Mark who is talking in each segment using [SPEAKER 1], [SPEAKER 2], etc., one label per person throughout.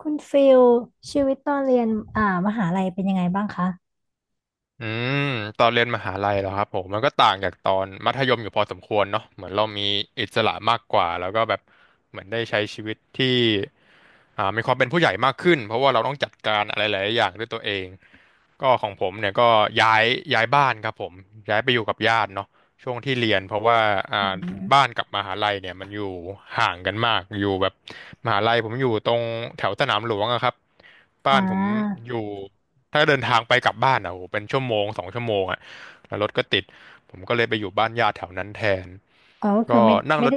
[SPEAKER 1] คุณฟิลชีวิตตอนเรียนอ่ามหาลัยเป็นยังไงบ้างคะ
[SPEAKER 2] อืมตอนเรียนมหาลัยเหรอครับผมมันก็ต่างจากตอนมัธยมอยู่พอสมควรเนาะเหมือนเรามีอิสระมากกว่าแล้วก็แบบเหมือนได้ใช้ชีวิตที่มีความเป็นผู้ใหญ่มากขึ้นเพราะว่าเราต้องจัดการอะไรหลายๆอย่างด้วยตัวเองก็ของผมเนี่ยก็ย้ายย้ายบ้านครับผมย้ายไปอยู่กับญาติเนาะ ช่วงที่เรียนเพราะว่า
[SPEAKER 1] อื
[SPEAKER 2] อ่าบ้าน
[SPEAKER 1] ม
[SPEAKER 2] กับมหาลัยเนี่ยมันอยู่ห่างกันมากอยู่แบบมหาลัยผมอยู่ตรงแถวสนามหลวงอะครับ
[SPEAKER 1] อ่
[SPEAKER 2] บ้านผม
[SPEAKER 1] า
[SPEAKER 2] อยู่ถ้าเดินทางไปกลับบ้านอะโอ้โหเป็นชั่วโมง2 ชั่วโมงอะแล้วรถก็ติดผมก็เลยไปอยู่บ้านญาติแถวนั้นแทน
[SPEAKER 1] อ๋อก็
[SPEAKER 2] ก็
[SPEAKER 1] คือ
[SPEAKER 2] นั่ง
[SPEAKER 1] ไม่
[SPEAKER 2] รถ
[SPEAKER 1] ได้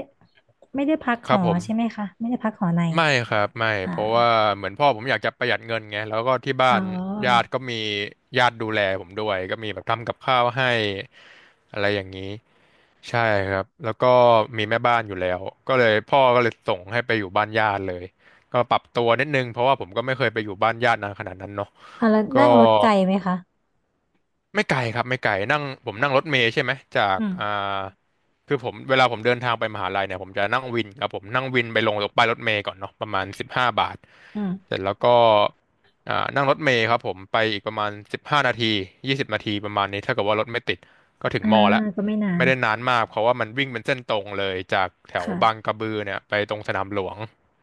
[SPEAKER 1] ไม่ได้พัก
[SPEAKER 2] ค
[SPEAKER 1] ห
[SPEAKER 2] รั
[SPEAKER 1] อ
[SPEAKER 2] บผม
[SPEAKER 1] ใช่ไหมคะไม่ได้พักหอใน
[SPEAKER 2] ไม่ครับไม่เพราะว่า
[SPEAKER 1] อ่า
[SPEAKER 2] เหมือนพ่อผมอยากจะประหยัดเงินไงแล้วก็ที่
[SPEAKER 1] อ๋
[SPEAKER 2] บ้า
[SPEAKER 1] อ
[SPEAKER 2] นญาติก็มีญาติดูแลผมด้วยก็มีแบบทำกับข้าวให้อะไรอย่างนี้ใช่ครับแล้วก็มีแม่บ้านอยู่แล้วก็เลยพ่อก็เลยส่งให้ไปอยู่บ้านญาติเลยก็ปรับตัวนิดนึงเพราะว่าผมก็ไม่เคยไปอยู่บ้านญาตินานขนาดนั้นเนาะ
[SPEAKER 1] แล้ว
[SPEAKER 2] ก็
[SPEAKER 1] นั่งรถไกลไหมคะ
[SPEAKER 2] ไม่ไกลครับไม่ไกลนั่งผมนั่งรถเมล์ใช่ไหมจาก
[SPEAKER 1] อืม
[SPEAKER 2] คือผมเวลาผมเดินทางไปมหาลัยเนี่ยผมจะนั่งวินครับผมนั่งวินไปลงตรงป้ายรถเมล์ก่อนเนาะประมาณ15 บาท
[SPEAKER 1] อืม
[SPEAKER 2] เสร็จแล้วก็นั่งรถเมล์ครับผมไปอีกประมาณ15 นาที20 นาทีประมาณนี้ถ้าเกิดว่ารถไม่ติดก็ถึง
[SPEAKER 1] อ่า
[SPEAKER 2] มอแล้ว
[SPEAKER 1] ก็ไม่นาน
[SPEAKER 2] ไม่ได้นานมากเพราะว่ามันวิ่งเป็นเส้นตรงเลยจากแถวบาง
[SPEAKER 1] ค่ะ
[SPEAKER 2] กระบือเนี่ยไปตรงสนามหลวง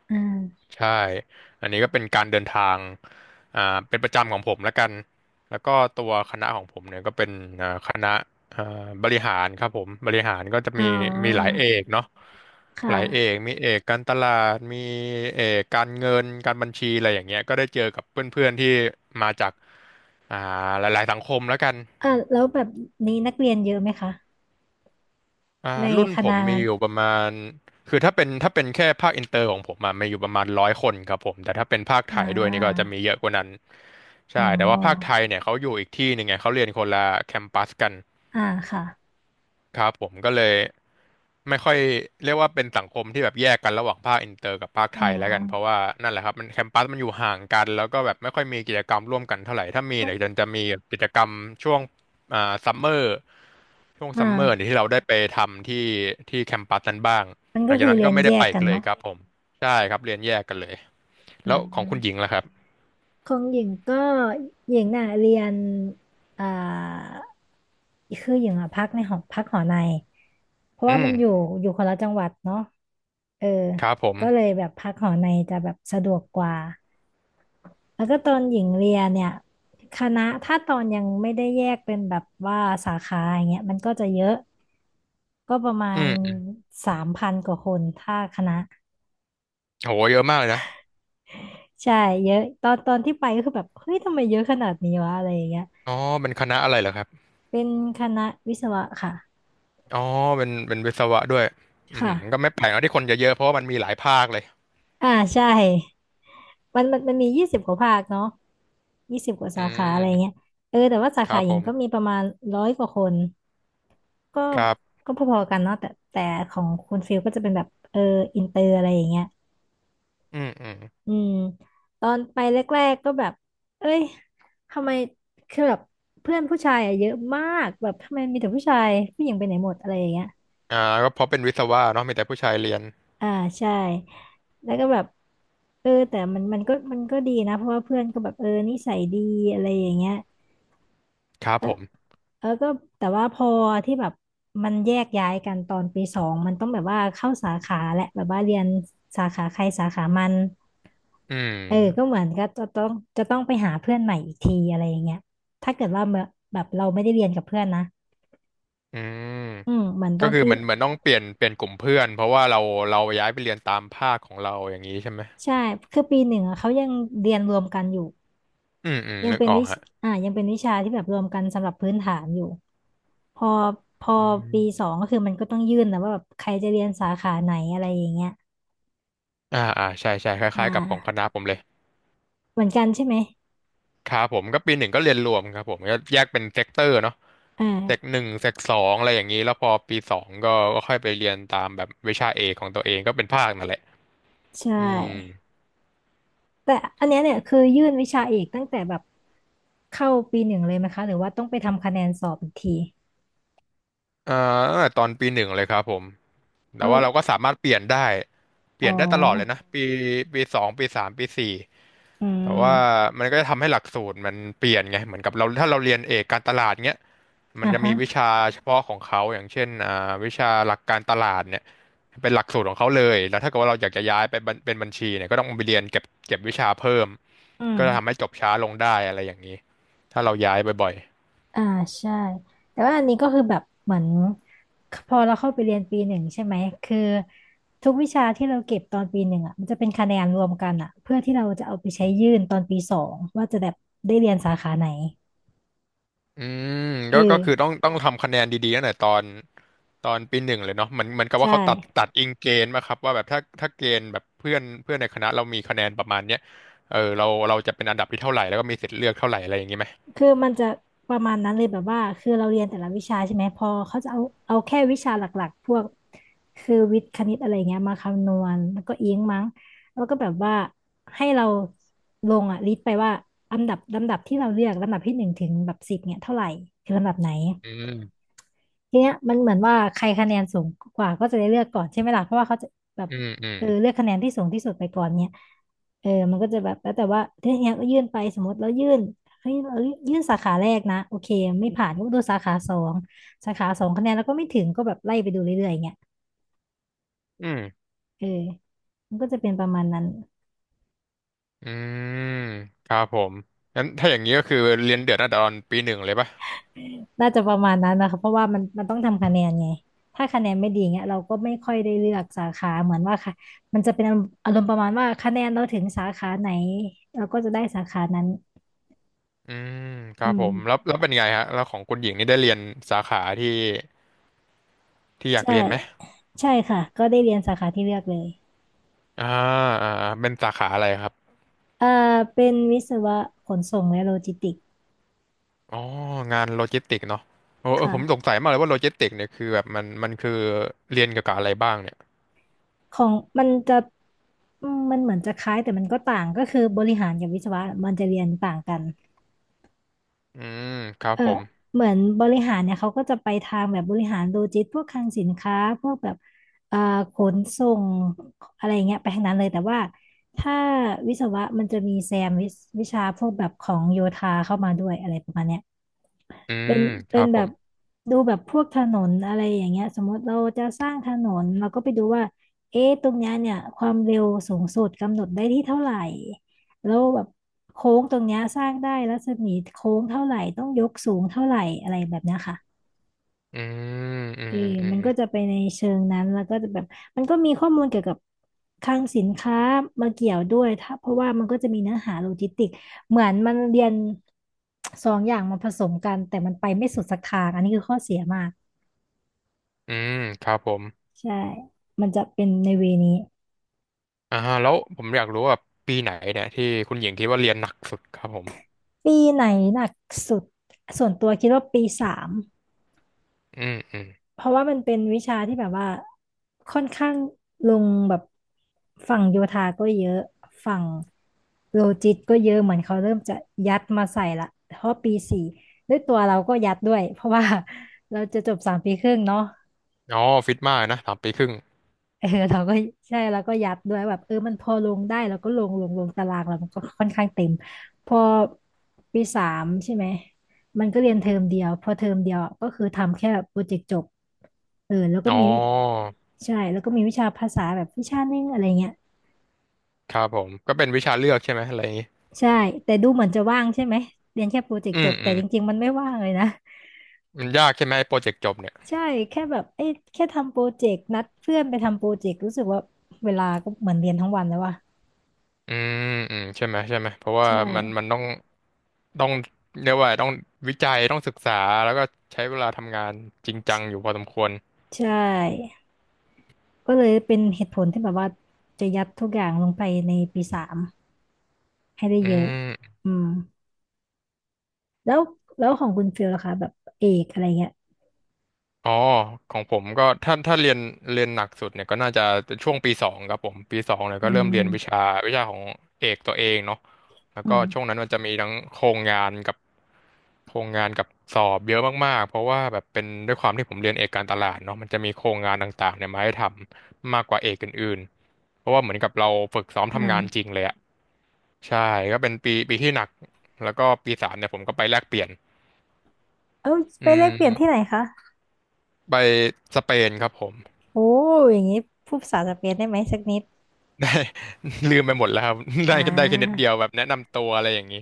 [SPEAKER 1] อ่า
[SPEAKER 2] ใช่ อันนี้ก็เป็นการเดินทางอ่าเป็นประจำของผมแล้วกัน แล้วก็ตัวคณะของผมเนี่ยก็เป็นคณะอ่าบริหารครับผม บริหารก็จะ
[SPEAKER 1] อ๋อ
[SPEAKER 2] มีมีหลายเอกเนาะ
[SPEAKER 1] ค
[SPEAKER 2] หลายเอก
[SPEAKER 1] ่ะ
[SPEAKER 2] มีเอกการตลาดมีเอกการเงินการบัญชีอะไรอย่างเงี้ยก็ได้เจอกับเพื่อนๆที่มาจากอ่าหลายๆสังคมแล้วกัน
[SPEAKER 1] แล้วแบบนี้นักเรียนเยอะไหมคะ
[SPEAKER 2] อ่า
[SPEAKER 1] ใน
[SPEAKER 2] รุ่น
[SPEAKER 1] ค
[SPEAKER 2] ผ
[SPEAKER 1] ณะ
[SPEAKER 2] มมี
[SPEAKER 1] นั้น
[SPEAKER 2] อยู่ประมาณคือถ้าเป็นแค่ภาคอินเตอร์ของผมอะมีอยู่ประมาณ100 คนครับผมแต่ถ้าเป็นภาคไท
[SPEAKER 1] อ่า
[SPEAKER 2] ยด้วยนี่ก็จะมีเยอะกว่านั้น
[SPEAKER 1] อ๋
[SPEAKER 2] ใช่แต่ว่าภาคไท
[SPEAKER 1] อ
[SPEAKER 2] ยเนี่ยเขาอยู่อีกที่หนึ่งไงเขาเรียนคนละแคมปัสกัน
[SPEAKER 1] อ่าค่ะ
[SPEAKER 2] ครับผมก็เลยไม่ค่อยเรียกว่าเป็นสังคมที่แบบแยกกันระหว่างภาคอินเตอร์กับภาค
[SPEAKER 1] อ๋
[SPEAKER 2] ไท
[SPEAKER 1] อ
[SPEAKER 2] ยแล้วกันเพราะว่านั่นแหละครับมันแคมปัสมันอยู่ห่างกันแล้วก็แบบไม่ค่อยมีกิจกรรมร่วมกันเท่าไหร่ถ้ามี
[SPEAKER 1] มัน
[SPEAKER 2] เนี่ยจะมีกิจกรรมช่วงอ่าซัมเมอร์ช่วง
[SPEAKER 1] อ
[SPEAKER 2] ซัมเมอร์เนี่ย
[SPEAKER 1] ่า
[SPEAKER 2] ที่เราได้ไปทำที่ที่แคมปัสนั้นบ้าง
[SPEAKER 1] มัน
[SPEAKER 2] หลั
[SPEAKER 1] ก็
[SPEAKER 2] งจาก
[SPEAKER 1] คือ
[SPEAKER 2] นั้น
[SPEAKER 1] เรี
[SPEAKER 2] ก็
[SPEAKER 1] ยน
[SPEAKER 2] ไม่
[SPEAKER 1] แย
[SPEAKER 2] ได้ไป
[SPEAKER 1] ก
[SPEAKER 2] อี
[SPEAKER 1] กั
[SPEAKER 2] ก
[SPEAKER 1] น
[SPEAKER 2] เลย
[SPEAKER 1] เนาะ
[SPEAKER 2] ครับผมใช่ครับเรียนแยกกันเลย
[SPEAKER 1] อื
[SPEAKER 2] แล้วของคุณหญิง
[SPEAKER 1] ม
[SPEAKER 2] ล่ะครับ
[SPEAKER 1] ของหญิงก็หญิงน่ะเรียนอ่าคือหญิงอ่ะพักในหอพักหอในเพราะว่า
[SPEAKER 2] อื
[SPEAKER 1] มั
[SPEAKER 2] ม
[SPEAKER 1] นอยู่คนละจังหวัดเนาะเออ
[SPEAKER 2] ครับผม
[SPEAKER 1] ก็เลยแบบพักหอในจะแบบสะดวกกว่าแล้วก็ตอนหญิงเรียนเนี่ยคณะถ้าตอนยังไม่ได้แยกเป็นแบบว่าสาขาอย่างเงี้ยมันก็จะเยอะก็ประมา
[SPEAKER 2] อื
[SPEAKER 1] ณ
[SPEAKER 2] ม
[SPEAKER 1] 3,000กว่าคนถ้าคณะ
[SPEAKER 2] โหเยอะมากเลยนะ
[SPEAKER 1] ใช่เยอะตอนที่ไปก็คือแบบเฮ้ยทำไมเยอะขนาดนี้วะอะไรอย่างเงี้ย
[SPEAKER 2] อ๋อเป็นคณะอะไรเหรอครับ
[SPEAKER 1] เป็นคณะวิศวะค่ะ
[SPEAKER 2] อ๋อเป็นวิศวะด้วยอืม
[SPEAKER 1] ค่ะ
[SPEAKER 2] ก็ไม่แปลกเนอะที่คนเยอะๆเพราะว่ามันมีหลายภาคเลย
[SPEAKER 1] อ่าใช่มันมียี่สิบกว่าภาคเนาะยี่สิบกว่า
[SPEAKER 2] อื
[SPEAKER 1] สาขาอะไรเงี้ย
[SPEAKER 2] ม
[SPEAKER 1] เออแต่ว่าสา
[SPEAKER 2] ค
[SPEAKER 1] ขา
[SPEAKER 2] รับ
[SPEAKER 1] หญิ
[SPEAKER 2] ผ
[SPEAKER 1] ง
[SPEAKER 2] ม
[SPEAKER 1] ก็มีประมาณ100กว่าคนก็
[SPEAKER 2] ครับ
[SPEAKER 1] ก็พอๆกันเนาะแต่ของคุณฟิลก็จะเป็นแบบเอออินเตอร์อะไรอย่างเงี้ย
[SPEAKER 2] อืมอืม
[SPEAKER 1] อืมตอนไปแรกๆก็แบบเอ้ยทำไมคือแบบเพื่อนผู้ชายอะเยอะมากแบบทำไมมีแต่ผู้ชายผู้หญิงไปไหนหมดอะไรอย่างเงี้ย
[SPEAKER 2] อ่าก็เพราะเป็นวิศวะเนาะมีแต่ผู้ชายเรียน
[SPEAKER 1] อ่าใช่แล้วก็แบบเออแต่มันก็ดีนะเพราะว่าเพื่อนก็แบบเออนิสัยดีอะไรอย่างเงี้ย
[SPEAKER 2] ครับผม
[SPEAKER 1] เออก็แต่ว่าพอที่แบบมันแยกย้ายกันตอนปีสองมันต้องแบบว่าเข้าสาขาแหละแบบว่าเรียนสาขาใครสาขามัน
[SPEAKER 2] อื
[SPEAKER 1] เออก็
[SPEAKER 2] ม
[SPEAKER 1] เหมือนก็จะต้องไปหาเพื่อนใหม่อีกทีอะไรอย่างเงี้ยถ้าเกิดว่าแบบเราไม่ได้เรียนกับเพื่อนนะ
[SPEAKER 2] อืม
[SPEAKER 1] อืมเหมือนต
[SPEAKER 2] ก็
[SPEAKER 1] อน
[SPEAKER 2] คือ
[SPEAKER 1] ปี
[SPEAKER 2] เหมือนต้องเปลี่ยนกลุ่มเพื่อนเพราะว่าเราย้ายไปเรียนตามภาคของเราอย่างนี้ใช่ไหม
[SPEAKER 1] ใช่คือปีหนึ่งอะเขายังเรียนรวมกันอยู่
[SPEAKER 2] อืมอืม
[SPEAKER 1] ยัง
[SPEAKER 2] นึก
[SPEAKER 1] เป็น
[SPEAKER 2] ออก
[SPEAKER 1] วิช
[SPEAKER 2] ฮะ
[SPEAKER 1] ยังเป็นวิชาที่แบบรวมกันสำหรับพื้นฐานอยู่ พอ พอปีสองก็คือมันก็ต้องยื่นนะว่าแบบใครจะเรียนสาขาไหนอะไรอย่างเงี้ย
[SPEAKER 2] อ่าอ่าใช่ใช่ค
[SPEAKER 1] อ่
[SPEAKER 2] ล้ายๆกับของค
[SPEAKER 1] า
[SPEAKER 2] ณะผมเลย
[SPEAKER 1] เหมือนกันใช่ไหม
[SPEAKER 2] ครับผมก็ปีหนึ่งก็เรียนรวมครับผมก็แยกเป็นเซกเตอร์เนาะ
[SPEAKER 1] อ่
[SPEAKER 2] เซกห
[SPEAKER 1] า
[SPEAKER 2] นึ่งเซกสองอะไรอย่างนี้แล้วพอปีสองก็ก็ค่อยไปเรียนตามแบบวิชาเอกของตัวเองก็เป็นภาคนั่นแหละ
[SPEAKER 1] ใช
[SPEAKER 2] อืม
[SPEAKER 1] ่ แต่อันเนี้ยเนี่ยคือยื่นวิชาเอกตั้งแต่แบบเข้าปีหนึ่งเลยไหมคะหรือว่าต้องไปทำคะแนนสอบอีกที
[SPEAKER 2] อ่าตั้งแต่ตอนปีหนึ่งเลยครับผม แต่
[SPEAKER 1] อ๋อ
[SPEAKER 2] ว่าเราก็สามารถเปลี่ยนได้ เป
[SPEAKER 1] อ๋อ
[SPEAKER 2] ลี่ยนได้ตลอดเลยนะปีสองปีสามปีสี่
[SPEAKER 1] อื
[SPEAKER 2] แต่ว่า
[SPEAKER 1] ม
[SPEAKER 2] มันก็จะทำให้หลักสูตรมันเปลี่ยนไงเหมือนกับเราถ้าเราเรียนเอกการตลาดเงี้ยมัน
[SPEAKER 1] อ่ะ
[SPEAKER 2] จะ
[SPEAKER 1] ฮะ
[SPEAKER 2] มีวิชาเฉพาะของเขาอย่างเช่นวิชาหลักการตลาดเนี่ยเป็นหลักสูตรของเขาเลยแล้วถ้าเกิดว่าเราอยากจะย้ายไปบัญเป็นบัญชีเนี่ยก็ต้องไปเรียนเก็บวิชาเพิ่ม
[SPEAKER 1] อืม
[SPEAKER 2] ก็จะทำให้จบช้าลงได้อะไรอย่างนี้ถ้าเราย้ายบ่อยๆ
[SPEAKER 1] อ่าใช่แต่ว่าอันนี้ก็คือแบบเหมือนพอเราเข้าไปเรียนปีหนึ่งใช่ไหมคือทุกวิชาที่เราเก็บตอนปีหนึ่งอ่ะมันจะเป็นคะแนนรวมกันอ่ะเพื่อที่เราจะเอาไปใช้ยื่นตอนปีสองว่าจะแบบได้เรียนสาขาไหน
[SPEAKER 2] อืม
[SPEAKER 1] เอ
[SPEAKER 2] ก็คือต้อ
[SPEAKER 1] อ
[SPEAKER 2] งต้องทำคะแนนดีๆตั้งแต่ตอนปีหนึ่งเลยเนาะเหมือนกับว่า
[SPEAKER 1] ใช่
[SPEAKER 2] เขาตัดอิงเกณฑ์มาครับว่าแบบถ้าเกณฑ์แบบเพื่อนเพื่อนในคณะเรามีคะแนนประมาณเนี้ยเออเราจะเป็นอันดับที่เท่าไหร่แล้วก็มีสิทธิ์เลือกเท่าไหร่อะไรอย่างงี้ไหม
[SPEAKER 1] คือมันจะประมาณนั้นเลยแบบว่าคือเราเรียนแต่ละวิชาใช่ไหมพอเขาจะเอาเอาแค่วิชาหลักๆพวกคือวิทย์คณิตอะไรเงี้ยมาคำนวณแล้วก็อิงมั้งแล้วก็แบบว่าให้เราลงอ่ะลิสต์ไปว่าลำดับที่เราเลือกลำดับที่หนึ่งถึงแบบสิบเนี่ยเท่าไหร่คือลำดับไหน
[SPEAKER 2] อืม
[SPEAKER 1] ทีเนี้ยมันเหมือนว่าใครคะแนนสูงกว่าก็จะได้เลือกก่อนใช่ไหมล่ะเพราะว่าเขาจะแบบ
[SPEAKER 2] อืมอืม
[SPEAKER 1] เออเลือกคะแนนที่สูงที่สุดไปก่อนเนี่ยเออมันก็จะแบบแล้วแต่ว่าทีเนี้ยก็ยื่นไปสมมติแล้วยื่นเฮ้ยเรายื่นสาขาแรกนะโอเคไม่ผ่านก็ดูสาขาสองสาขาสองคะแนนแล้วก็ไม่ถึงก็แบบไล่ไปดูเรื่อยๆเงี้ย
[SPEAKER 2] อืม
[SPEAKER 1] เออมันก็จะเป็นประมาณนั้น
[SPEAKER 2] อืมครับผมงั้นถ้าอย่างนี้ก็คือเรียนเดือดตั้งแต่ตอนปีหนึ่งเลยปะ
[SPEAKER 1] น่าจะประมาณนั้นนะคะเพราะว่ามันต้องทำคะแนนไงถ้าคะแนนไม่ดีเงี้ยเราก็ไม่ค่อยได้เลือกสาขาเหมือนว่าค่ะมันจะเป็นอารมณ์ประมาณว่าคะแนนเราถึงสาขาไหนเราก็จะได้สาขานั้น
[SPEAKER 2] อืมค
[SPEAKER 1] อื
[SPEAKER 2] รับผมแล้ว
[SPEAKER 1] ม
[SPEAKER 2] แล้วเป็นไงฮะแล้วของคุณหญิงนี่ได้เรียนสาขาที่อยาก
[SPEAKER 1] ใช่
[SPEAKER 2] เรียนไหม
[SPEAKER 1] ใช่ค่ะก็ได้เรียนสาขาที่เลือกเลย
[SPEAKER 2] อ่าอ่าเป็นสาขาอะไรครับ
[SPEAKER 1] เอ่เป็นวิศวะขนส่งและโลจิสติกส์
[SPEAKER 2] อ๋องานโลจิสติกเนาะโอ้เออผมสง
[SPEAKER 1] ค่ะ
[SPEAKER 2] สัยมากเลยว่าโลจิสติกเนี่ยคือแบบมันคือเรียนเกี่ยวกับอะไรบ้างเนี่ย
[SPEAKER 1] ของมันจะมันเหมือนจะคล้ายแต่มันก็ต่างก็คือบริหารกับวิศวะมันจะเรียนต่างกัน
[SPEAKER 2] อืมครับ
[SPEAKER 1] เออ
[SPEAKER 2] ผม
[SPEAKER 1] เหมือนบริหารเนี่ยเขาก็จะไปทางแบบบริหารโลจิสติกส์พวกคลังสินค้าพวกแบบเอ่อขนส่งอะไรเงี้ยไปทางนั้นเลยแต่ว่าถ้าวิศวะมันจะมีแซมวิชวิชาพวกแบบของโยธาเข้ามาด้วยอะไรประมาณเนี้ย
[SPEAKER 2] อื
[SPEAKER 1] เป็
[SPEAKER 2] ม
[SPEAKER 1] น
[SPEAKER 2] ค
[SPEAKER 1] เป็
[SPEAKER 2] รั
[SPEAKER 1] น
[SPEAKER 2] บผ
[SPEAKER 1] แบบ
[SPEAKER 2] ม
[SPEAKER 1] ดูแบบพวกถนนอะไรอย่างเงี้ยสมมติเราจะสร้างถนนเราก็ไปดูว่าเอ๊ะตรงเนี้ยเนี่ยความเร็วสูงสุดกำหนดได้ที่เท่าไหร่แล้วแบบโค้งตรงเนี้ยสร้างได้รัศมีโค้งเท่าไหร่ต้องยกสูงเท่าไหร่อะไรแบบเนี้ยค่ะ
[SPEAKER 2] อืมอื
[SPEAKER 1] เออ
[SPEAKER 2] มอื
[SPEAKER 1] มัน
[SPEAKER 2] ม
[SPEAKER 1] ก็จะไปในเชิงนั้นแล้วก็จะแบบ มันก็มีข้อมูลเกี่ยวกับคลังสินค้ามาเกี่ยวด้วยถ้าเพราะว่ามันก็จะมีเนื้อหาโลจิสติกเหมือนมันเรียนสองอย่างมาผสมกันแต่มันไปไม่สุดสักทางอันนี้คือข้อเสียมาก
[SPEAKER 2] อืมครับผม
[SPEAKER 1] ใช่ มันจะเป็นในเวนี้
[SPEAKER 2] อ่าฮะแล้วผมอยากรู้ว่าปีไหนเนี่ยที่คุณหญิงคิดว่าเรียนหนักสุดครับผม
[SPEAKER 1] ปีไหนหนักสุดส่วนตัวคิดว่าปีสาม
[SPEAKER 2] อืมอืม
[SPEAKER 1] เพราะว่ามันเป็นวิชาที่แบบว่าค่อนข้างลงแบบฝั่งโยธาก็เยอะฝั่งโลจิสก็เยอะเหมือนเขาเริ่มจะยัดมาใส่ละเพราะปีสี่ด้วยตัวเราก็ยัดด้วยเพราะว่า เราจะจบสามปีครึ่งเนาะ
[SPEAKER 2] อ๋อฟิตมากนะสามปีครึ่ง
[SPEAKER 1] เออ เราก็ใช่แล้วก็ยัดด้วยแบบมันพอลงได้แล้วก็ลงตารางเรามันก็ค่อนข้างเต็มพอปีสามใช่ไหมมันก็เรียนเทอมเดียวพอเทอมเดียวก็คือทำแค่โปรเจกต์จบเออแล้วก็
[SPEAKER 2] อ๋อ
[SPEAKER 1] มีใช่แล้วก็มีวิชาภาษาแบบวิชานึงอะไรเงี้ย
[SPEAKER 2] ครับผมก็เป็นวิชาเลือกใช่ไหมอะไรอย่างงี้
[SPEAKER 1] ใช่แต่ดูเหมือนจะว่างใช่ไหมเรียนแค่โปรเจก
[SPEAKER 2] อื
[SPEAKER 1] ต์จ
[SPEAKER 2] ม
[SPEAKER 1] บ
[SPEAKER 2] อื
[SPEAKER 1] แต่
[SPEAKER 2] ม
[SPEAKER 1] จริงๆมันไม่ว่างเลยนะ
[SPEAKER 2] มันยากใช่ไหมโปรเจกต์จบเนี่ย
[SPEAKER 1] ใช่แค่แบบเอ้ยแค่ทำโปรเจกต์นัดเพื่อนไปทำโปรเจกต์รู้สึกว่าเวลาก็เหมือนเรียนทั้งวันแล้วว่ะ
[SPEAKER 2] อืมอืมใช่ไหมใช่ไหมเพราะว่า
[SPEAKER 1] ใช่
[SPEAKER 2] มันต้องเรียกว่าต้องวิจัยต้องศึกษาแล้วก็ใช้เวลาทำงานจริงจังอยู่พอสมควร
[SPEAKER 1] ใช่ ก็เลยเป็นเหตุผลที่แบบว่าจะยัดทุกอย่างลงไปในปีสามให้ได้
[SPEAKER 2] อื
[SPEAKER 1] เยอะ
[SPEAKER 2] ม
[SPEAKER 1] อืมแล้วแล้วของคุณฟิลล่ะคะแบบเอกอะไรเงี้ย
[SPEAKER 2] อ๋อของผมก็ถ้าเรียนหนักสุดเนี่ยก็น่าจะเป็นช่วงปีสองครับผมปีสองเนี่ย
[SPEAKER 1] อื
[SPEAKER 2] ก็เริ่มเรียนวิชา
[SPEAKER 1] ม
[SPEAKER 2] วิชาของเอกตัวเองเนาะแล้ว
[SPEAKER 1] อื
[SPEAKER 2] ก็ช่วง
[SPEAKER 1] ม
[SPEAKER 2] นั้นมันจะมีทั้งโครงงานกับโครงงานกับสอบเยอะมากๆเพราะว่าแบบเป็นด้วยความที่ผมเรียนเอกการตลาดเนาะมันจะมีโครงงานต่างๆเนี่ยมาให้ทำมากกว่าเอกอื่นๆเพราะว่าเหมือนกับเราฝึกซ้อม
[SPEAKER 1] อื
[SPEAKER 2] ทำงานจริง
[SPEAKER 1] ม
[SPEAKER 2] เลยอะใช่ก็เป็นปีที่หนักแล้วก็ปีสามเนี่ยผมก็ไปแลกเปลี่ยน
[SPEAKER 1] เอา
[SPEAKER 2] อื
[SPEAKER 1] ไปแลกเปลี่ยนที่ไหน
[SPEAKER 2] ม
[SPEAKER 1] คะ
[SPEAKER 2] ไปสเปนครับผม
[SPEAKER 1] โอ้อย่างนี้พูดภาษาสเปนได้ไหมสักนิด
[SPEAKER 2] ได้ ลืมไปหมดแล้วครับ ได้
[SPEAKER 1] อ่
[SPEAKER 2] ได้แค่นิดเดี
[SPEAKER 1] า
[SPEAKER 2] ยวแบบแนะนำตัวอะไรอย่างนี้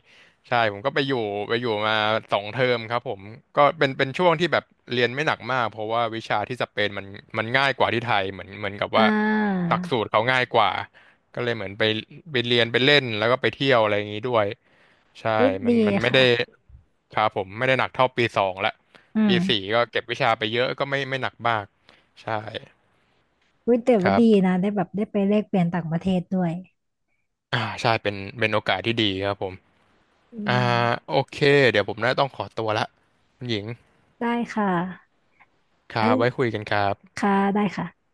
[SPEAKER 2] ใช่ผมก็ไปอยู่มาสองเทอมครับผมก็เป็นช่วงที่แบบเรียนไม่หนักมากเพราะว่าวิชาที่สเปนมันง่ายกว่าที่ไทยเหมือนกับ
[SPEAKER 1] อ่
[SPEAKER 2] ว่าห
[SPEAKER 1] า
[SPEAKER 2] ลักสูตรเขาง่ายกว่าก็เลยเหมือนไปเรียนไปเล่นแล้วก็ไปเที่ยวอะไรอย่างนี้ด้วยใช่
[SPEAKER 1] วิ
[SPEAKER 2] มั
[SPEAKER 1] ดี
[SPEAKER 2] นมันไม่ได้
[SPEAKER 1] ค่ะ
[SPEAKER 2] ครับผมไม่ได้หนักเท่าปีสองละ
[SPEAKER 1] อื
[SPEAKER 2] ปีสี่
[SPEAKER 1] ม
[SPEAKER 2] ก็เก็บวิชาไปเยอะก็ไม่หนักมากใช่
[SPEAKER 1] วิแต่
[SPEAKER 2] ค
[SPEAKER 1] ว่า
[SPEAKER 2] รั
[SPEAKER 1] ดี
[SPEAKER 2] บ
[SPEAKER 1] นะได้แบบได้ไปแลกเปลี่ยนต่างประเทศด้วย
[SPEAKER 2] อ่าใช่เป็นโอกาสที่ดีครับผม
[SPEAKER 1] อื
[SPEAKER 2] อ่า
[SPEAKER 1] ม
[SPEAKER 2] โอเคเดี๋ยวผมน่าต้องขอตัวละคุณหญิง
[SPEAKER 1] ได้ค่ะ
[SPEAKER 2] ครั
[SPEAKER 1] งั้น
[SPEAKER 2] บไว้คุยกันครับ
[SPEAKER 1] ค่ะได้ค่ะ